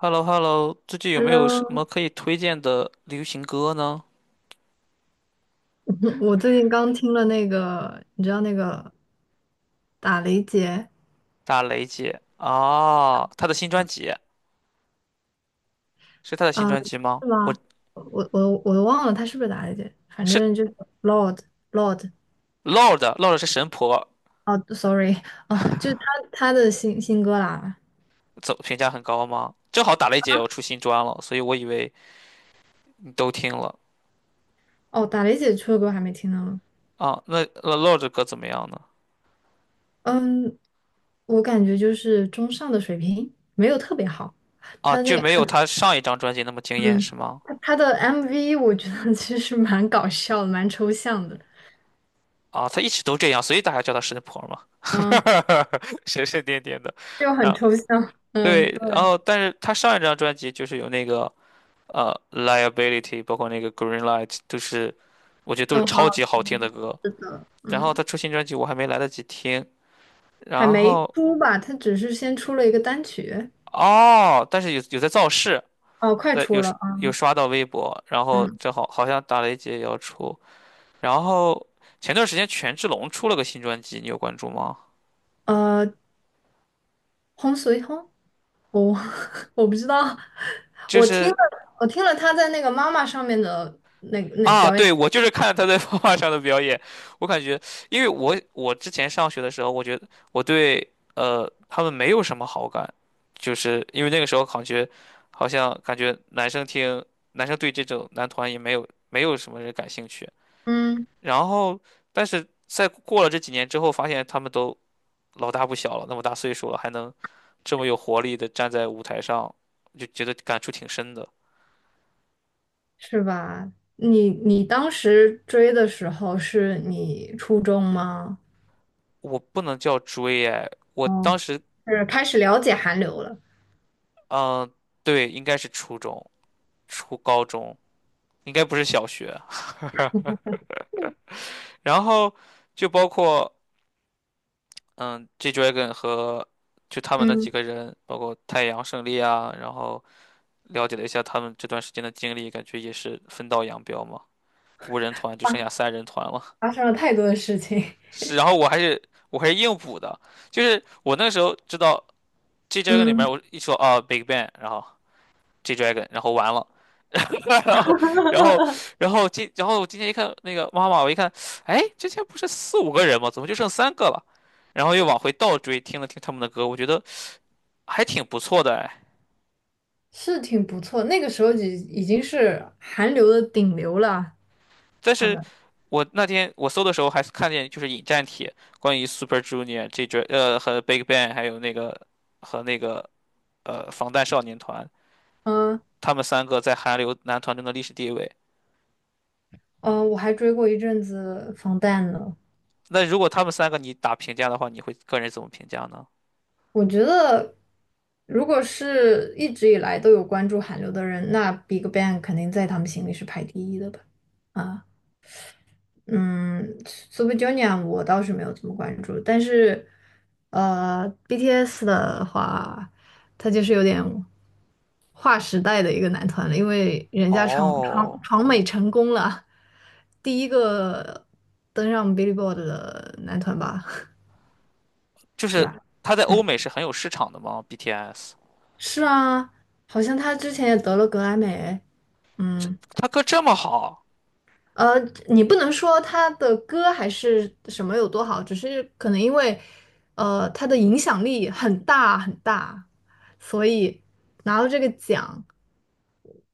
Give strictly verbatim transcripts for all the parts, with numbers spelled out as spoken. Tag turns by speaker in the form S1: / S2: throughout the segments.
S1: h e l l o h e l l o 最近有没有什
S2: Hello，
S1: 么可以推荐的流行歌呢？
S2: 我最近刚听了那个，你知道那个打雷姐
S1: 打雷姐啊，她的新专辑，是她的新
S2: 啊，
S1: 专辑吗？
S2: 是
S1: 我
S2: 吗？我我我都忘了她是不是打雷姐，反
S1: 是
S2: 正就是 Lord Lord
S1: Lord，Lord 是神婆，
S2: 哦，sorry 啊，就是她她的新新歌啦。
S1: 走评价很高吗？正好打雷姐也要出新专了，所以我以为你都听了
S2: 哦，打雷姐出的歌还没听呢。
S1: 啊。那那 Lord 的歌怎么样呢？
S2: 嗯，我感觉就是中上的水平，没有特别好。
S1: 啊，
S2: 她的那
S1: 就
S2: 个
S1: 没有她上一张专辑那么惊艳
S2: 嗯，
S1: 是吗？
S2: 她她的 M V 我觉得其实蛮搞笑的，蛮抽象的，
S1: 啊，她一直都这样，所以大家叫她神婆嘛，
S2: 嗯，
S1: 神神颠颠的。
S2: 就
S1: 然
S2: 很
S1: 后
S2: 抽象，嗯。
S1: 对，然
S2: 对。
S1: 后但是她上一张专辑就是有那个。呃，Liability，包括那个 Green Light，都是我觉得都是
S2: 哦，好
S1: 超级
S2: 好
S1: 好听的
S2: 听，
S1: 歌。
S2: 是的，
S1: 然后
S2: 嗯，
S1: 他出新专辑，我还没来得及听。
S2: 还
S1: 然
S2: 没
S1: 后
S2: 出吧？它只是先出了一个单曲，
S1: 哦，但是有有在造势，
S2: 哦，快
S1: 在
S2: 出
S1: 有，
S2: 了啊，
S1: 有刷到微博，然后
S2: 嗯，
S1: 正好好像打雷姐也要出。然后前段时间权志龙出了个新专辑，你有关注吗？
S2: 呃，轰随轰，我 我不知道，
S1: 就
S2: 我听了，
S1: 是
S2: 我听了他在那个妈妈上面的那个那
S1: 啊，
S2: 表演，
S1: 对，我就是看他在画画上的表演，我感觉，因为我我之前上学的时候，我觉得我对呃他们没有什么好感，就是因为那个时候感觉好像感觉男生听男生对这种男团也没有没有什么人感兴趣，
S2: 嗯，
S1: 然后但是在过了这几年之后，发现他们都老大不小了，那么大岁数了，还能这么有活力的站在舞台上，就觉得感触挺深的。
S2: 是吧？你你当时追的时候是你初中吗？
S1: 我不能叫追哎，我
S2: 哦，
S1: 当时
S2: 是开始了解韩流了，
S1: 嗯，对，应该是初中、初高中，应该不是小学。然后就包括嗯，G Dragon 和就他们那几
S2: 嗯，
S1: 个人，包括太阳胜利啊，然后了解了一下他们这段时间的经历，感觉也是分道扬镳嘛。五人团就剩下三人团了。
S2: 发生了太多的事情，
S1: 是，然后我还是我还是硬补的，就是我那时候知道 G Dragon 里面
S2: 嗯。
S1: 我一说啊 Big Bang,然后 G Dragon,然后完了。然后，然后，然后今，然后我今天一看那个妈妈，我一看，哎，之前不是四五个人吗？怎么就剩三个了？然后又往回倒追，听了听他们的歌，我觉得还挺不错的哎。
S2: 是挺不错，那个时候已已经是韩流的顶流了。
S1: 但
S2: 他
S1: 是
S2: 们，
S1: 我那天我搜的时候还是看见就是引战帖，关于 Super Junior 这支呃和 Big Bang 还有那个和那个呃防弹少年团，
S2: 嗯
S1: 他们三个在韩流男团中的历史地位。
S2: 嗯，我还追过一阵子防弹呢。
S1: 那如果他们三个你打评价的话，你会个人怎么评价呢？
S2: 我觉得，如果是一直以来都有关注韩流的人，那 BigBang 肯定在他们心里是排第一的吧？啊。嗯，Super Junior 我倒是没有怎么关注，但是，呃，B T S 的话，他就是有点划时代的一个男团了，因为人家闯闯
S1: 哦。
S2: 闯美成功了，第一个登上 Billboard 的男团吧，
S1: 就
S2: 是
S1: 是
S2: 吧？
S1: 他在欧
S2: 嗯，
S1: 美是很有市场的吗？B T S,
S2: 是啊，好像他之前也得了格莱美，嗯，
S1: 他歌这么好，
S2: 呃，你不能说他的歌还是什么有多好，只是可能因为，呃，他的影响力很大很大，所以拿到这个奖，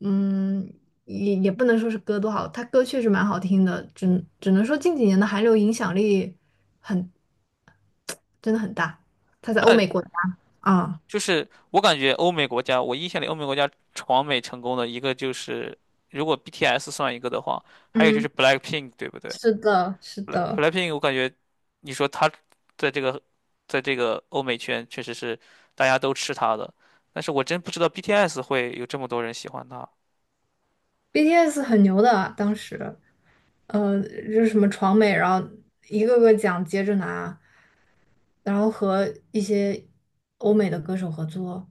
S2: 嗯，也也不能说是歌多好，他歌确实蛮好听的，只只能说近几年的韩流影响力很，真的很大，他在欧
S1: 那
S2: 美国家啊，
S1: 就是我感觉欧美国家，我印象里欧美国家闯美成功的一个就是，如果 B T S 算一个的话，还有就是
S2: 嗯，
S1: BLACKPINK,对不对
S2: 是的，是的
S1: ？Bla-？BLACKPINK，我感觉你说他在这个在这个欧美圈确实是大家都吃他的，但是我真不知道 B T S 会有这么多人喜欢他。
S2: ，B T S 很牛的，当时，呃，就是什么闯美，然后一个个奖接着拿。然后和一些欧美的歌手合作，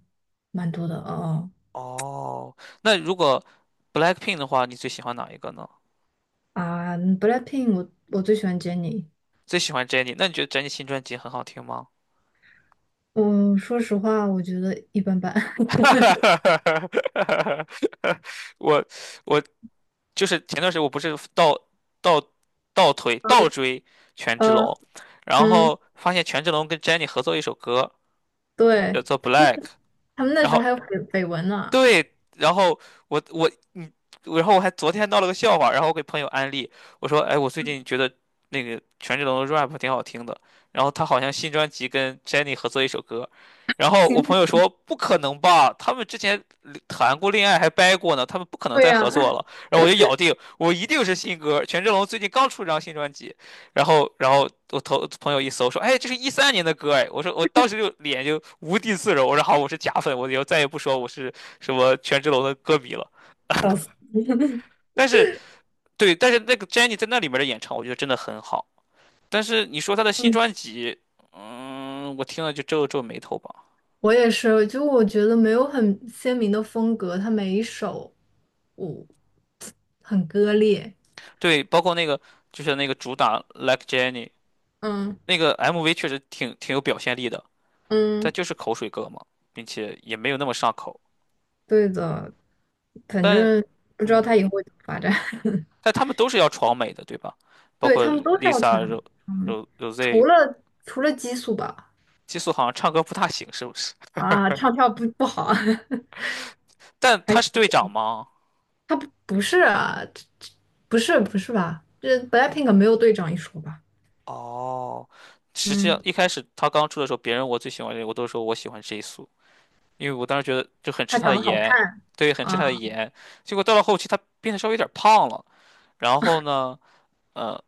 S2: 蛮多的哦。
S1: 哦，那如果 BLACKPINK 的话，你最喜欢哪一个呢？
S2: 啊嗯，BLACKPINK，我我最喜欢 Jennie。
S1: 最喜欢 Jennie,那你觉得 Jennie 新专辑很好听吗？
S2: 嗯，说实话，我觉得一般般。
S1: 我我就是前段时间我不是倒倒倒推倒追权志
S2: 呃，
S1: 龙，然
S2: 嗯，
S1: 后发现权志龙跟 Jennie 合作一首歌叫
S2: 对，
S1: 做《Black》,
S2: 他们那
S1: 然
S2: 时候
S1: 后
S2: 还有绯绯闻呢。
S1: 对，然后我我嗯，然后我还昨天闹了个笑话，然后我给朋友安利，我说，哎，我最近觉得那个权志龙的 rap 挺好听的，然后他好像新专辑跟 Jennie 合作一首歌，然后我
S2: 行，
S1: 朋友说不可能吧，他们之前谈过恋爱还掰过呢，他们不可能
S2: 对
S1: 再
S2: 呀、
S1: 合作了，然后我就咬定我一定是新歌，权志龙最近刚出一张新专辑，然后然后我头朋友一搜说，哎，这是一三年的歌哎，我说我当时就脸就无地自容，我说好，我是假粉，我以后再也不说我是。什么权志龙的歌迷了。
S2: 笑死。
S1: 但是对，但是那个 j e n n i e 在那里面的演唱，我觉得真的很好。但是你说她的新
S2: 嗯，
S1: 专辑，嗯，我听了就皱皱眉头吧。
S2: 我也是，就我觉得没有很鲜明的风格，他每一首我很割裂。
S1: 对，包括那个就是那个主打 Like j e n n i e
S2: 嗯
S1: 那个 M V 确实挺挺有表现力的，但
S2: 嗯，
S1: 就是口水歌嘛，并且也没有那么上口。
S2: 对的，反
S1: 但
S2: 正不知道他
S1: 嗯，
S2: 以后会怎么发展。
S1: 但他们都是要闯美的，对吧？包
S2: 对，
S1: 括
S2: 他们都是要穿
S1: Lisa、Ro、
S2: 长眉，
S1: Ro、Rose,
S2: 除了除了激素吧，
S1: 激素好像唱歌不大行，是不是？
S2: 啊，唱跳不不好啊，
S1: 但
S2: 还
S1: 他是
S2: 是
S1: 队长吗？
S2: 他不不是啊，这这不是不是吧？这 BLACKPINK 没有队长一说吧？
S1: 哦，实际上
S2: 嗯，
S1: 一开始他刚出的时候，别人我最喜欢谁，我都说我喜欢 j i s o 因为我当时觉得就很吃
S2: 他
S1: 他
S2: 长
S1: 的
S2: 得好
S1: 颜，
S2: 看
S1: 对，很吃
S2: 啊，
S1: 他的颜。结果到了后期，他变得稍微有点胖了，然后呢，呃，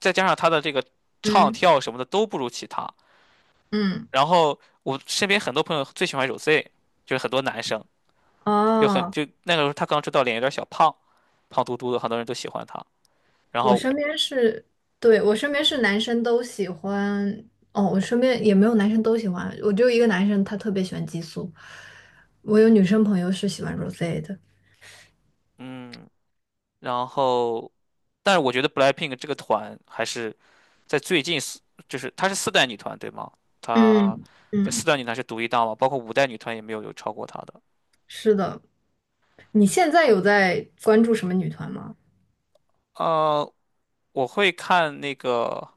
S1: 再加上他的这个唱
S2: 嗯
S1: 跳什么的都不如其他。
S2: 嗯，
S1: 然后我身边很多朋友最喜欢 Rosé,就是很多男生就很
S2: 哦，
S1: 就那个时候他刚出道，脸有点小胖，胖嘟嘟的，很多人都喜欢他。然
S2: 我
S1: 后
S2: 身边是，对，我身边是男生都喜欢，哦，我身边也没有男生都喜欢，我就一个男生他特别喜欢激素，我有女生朋友是喜欢 Rosé 的，
S1: 嗯，然后。但是我觉得 BLACKPINK 这个团还是在最近四，就是她是四代女团对吗？她
S2: 嗯
S1: 在
S2: 嗯，
S1: 四代女团是独一档嘛，包括五代女团也没有有超过她的。
S2: 是的。你现在有在关注什么女团吗？
S1: 呃，我会看那个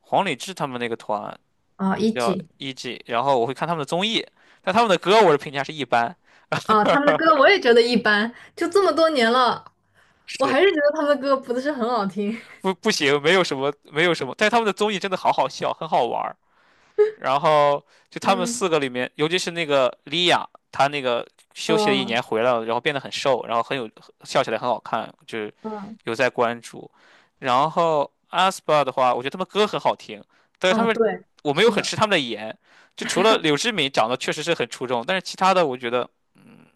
S1: 黄礼志他们那个团
S2: 啊
S1: 叫
S2: ，E G
S1: E.G,然后我会看他们的综艺，但他们的歌我的评价是一般，
S2: 啊，他们的歌我也觉得一般，就这么多年了，我
S1: 是
S2: 还是觉得他们的歌不是很好听。
S1: 不不行，没有什么没有什么，但是他们的综艺真的好好笑，很好玩儿。然后就 他们
S2: 嗯，
S1: 四个里面，尤其是那个莉亚，她那个休息了一
S2: 哦，
S1: 年回来了，然后变得很瘦，然后很有笑起来很好看，就是
S2: 嗯，
S1: 有在关注。然后 aespa 的话，我觉得他们歌很好听，但是他
S2: 啊，
S1: 们
S2: 对，
S1: 我没有
S2: 是
S1: 很吃
S2: 的，
S1: 他们的颜，就除了柳智敏长得确实是很出众，但是其他的我觉得，嗯，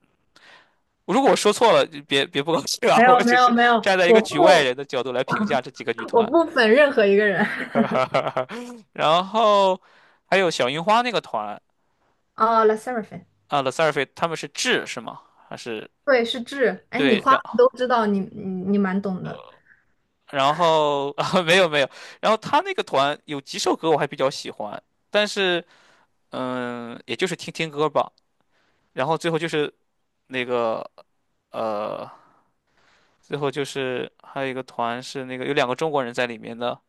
S1: 如果我说错了，就别别不高兴啊，
S2: 没
S1: 我
S2: 有没
S1: 只
S2: 有
S1: 是
S2: 没有，
S1: 站在一
S2: 我
S1: 个局外人
S2: 不
S1: 的角度来评价这几个女
S2: 我
S1: 团，
S2: 不粉任何一个人。
S1: 然后还有小樱花那个团。
S2: 哦，La Sserafim，
S1: 啊 t h e s u r f i 他们是智是吗？还是
S2: 对，是智。哎，你
S1: 对，
S2: 花
S1: 然
S2: 粉都知道，你你你蛮懂的。
S1: 然后啊 没有没有，然后他那个团有几首歌我还比较喜欢，但是嗯，也就是听听歌吧。然后最后就是那个呃，最后就是还有一个团是那个有两个中国人在里面的，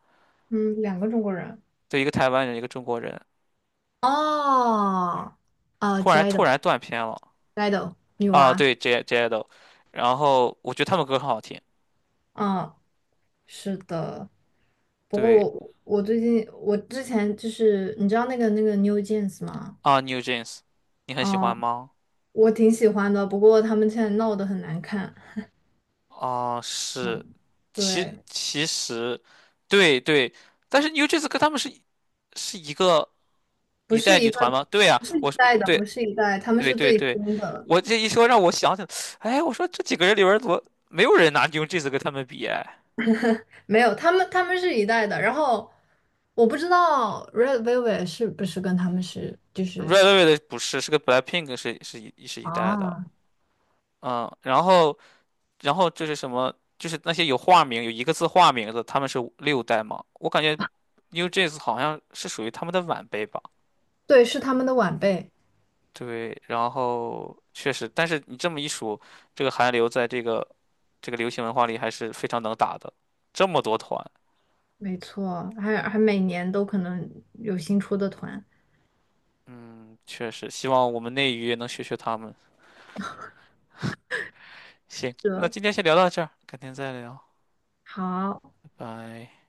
S2: 嗯，两个中国人。
S1: 对，一个台湾人，一个中国人，
S2: 哦，啊
S1: 突
S2: j
S1: 然
S2: i d
S1: 突
S2: o
S1: 然断片了
S2: j i d o 女
S1: 啊，
S2: 娃。
S1: 对，J J a d o 然后我觉得他们歌很好听，
S2: 嗯，是的。不过
S1: 对
S2: 我我最近我之前就是你知道那个那个 New Jeans 吗？
S1: 啊，New Jeans,你很喜欢
S2: 哦，
S1: 吗？
S2: 我挺喜欢的，不过他们现在闹得很难看。
S1: 啊，是，
S2: 嗯，
S1: 其
S2: 对，
S1: 其实，对对，但是 New Jeans 跟他们是是一个
S2: 不
S1: 一
S2: 是
S1: 代
S2: 一
S1: 女
S2: 个，
S1: 团吗？对呀、
S2: 不是一
S1: 我是
S2: 代的，
S1: 对
S2: 不是一代，他们
S1: 对
S2: 是
S1: 对
S2: 最
S1: 对，
S2: 新的。
S1: 我这一说让我想起来，哎，我说这几个人里边儿怎么没有人拿 New Jeans 跟他们比？哎
S2: 没有，他们他们是一代的。然后我不知道 Red Velvet 是不是跟他们是就是
S1: ，Red Velvet 不是，是个 BLACKPINK 是是一是一代的，
S2: 啊，
S1: 嗯，然后然后就是什么，就是那些有化名有一个字化名的，他们是六代嘛？我感觉 New Jeans 好像是属于他们的晚辈吧。
S2: 对，是他们的晚辈，
S1: 对，然后确实，但是你这么一数，这个韩流在这个这个流行文化里还是非常能打的，这么多团，
S2: 没错，还还每年都可能有新出的团。
S1: 嗯，确实，希望我们内娱也能学学他们。行，那
S2: 是
S1: 今天先聊到这儿，改天再聊，
S2: 好。
S1: 拜拜。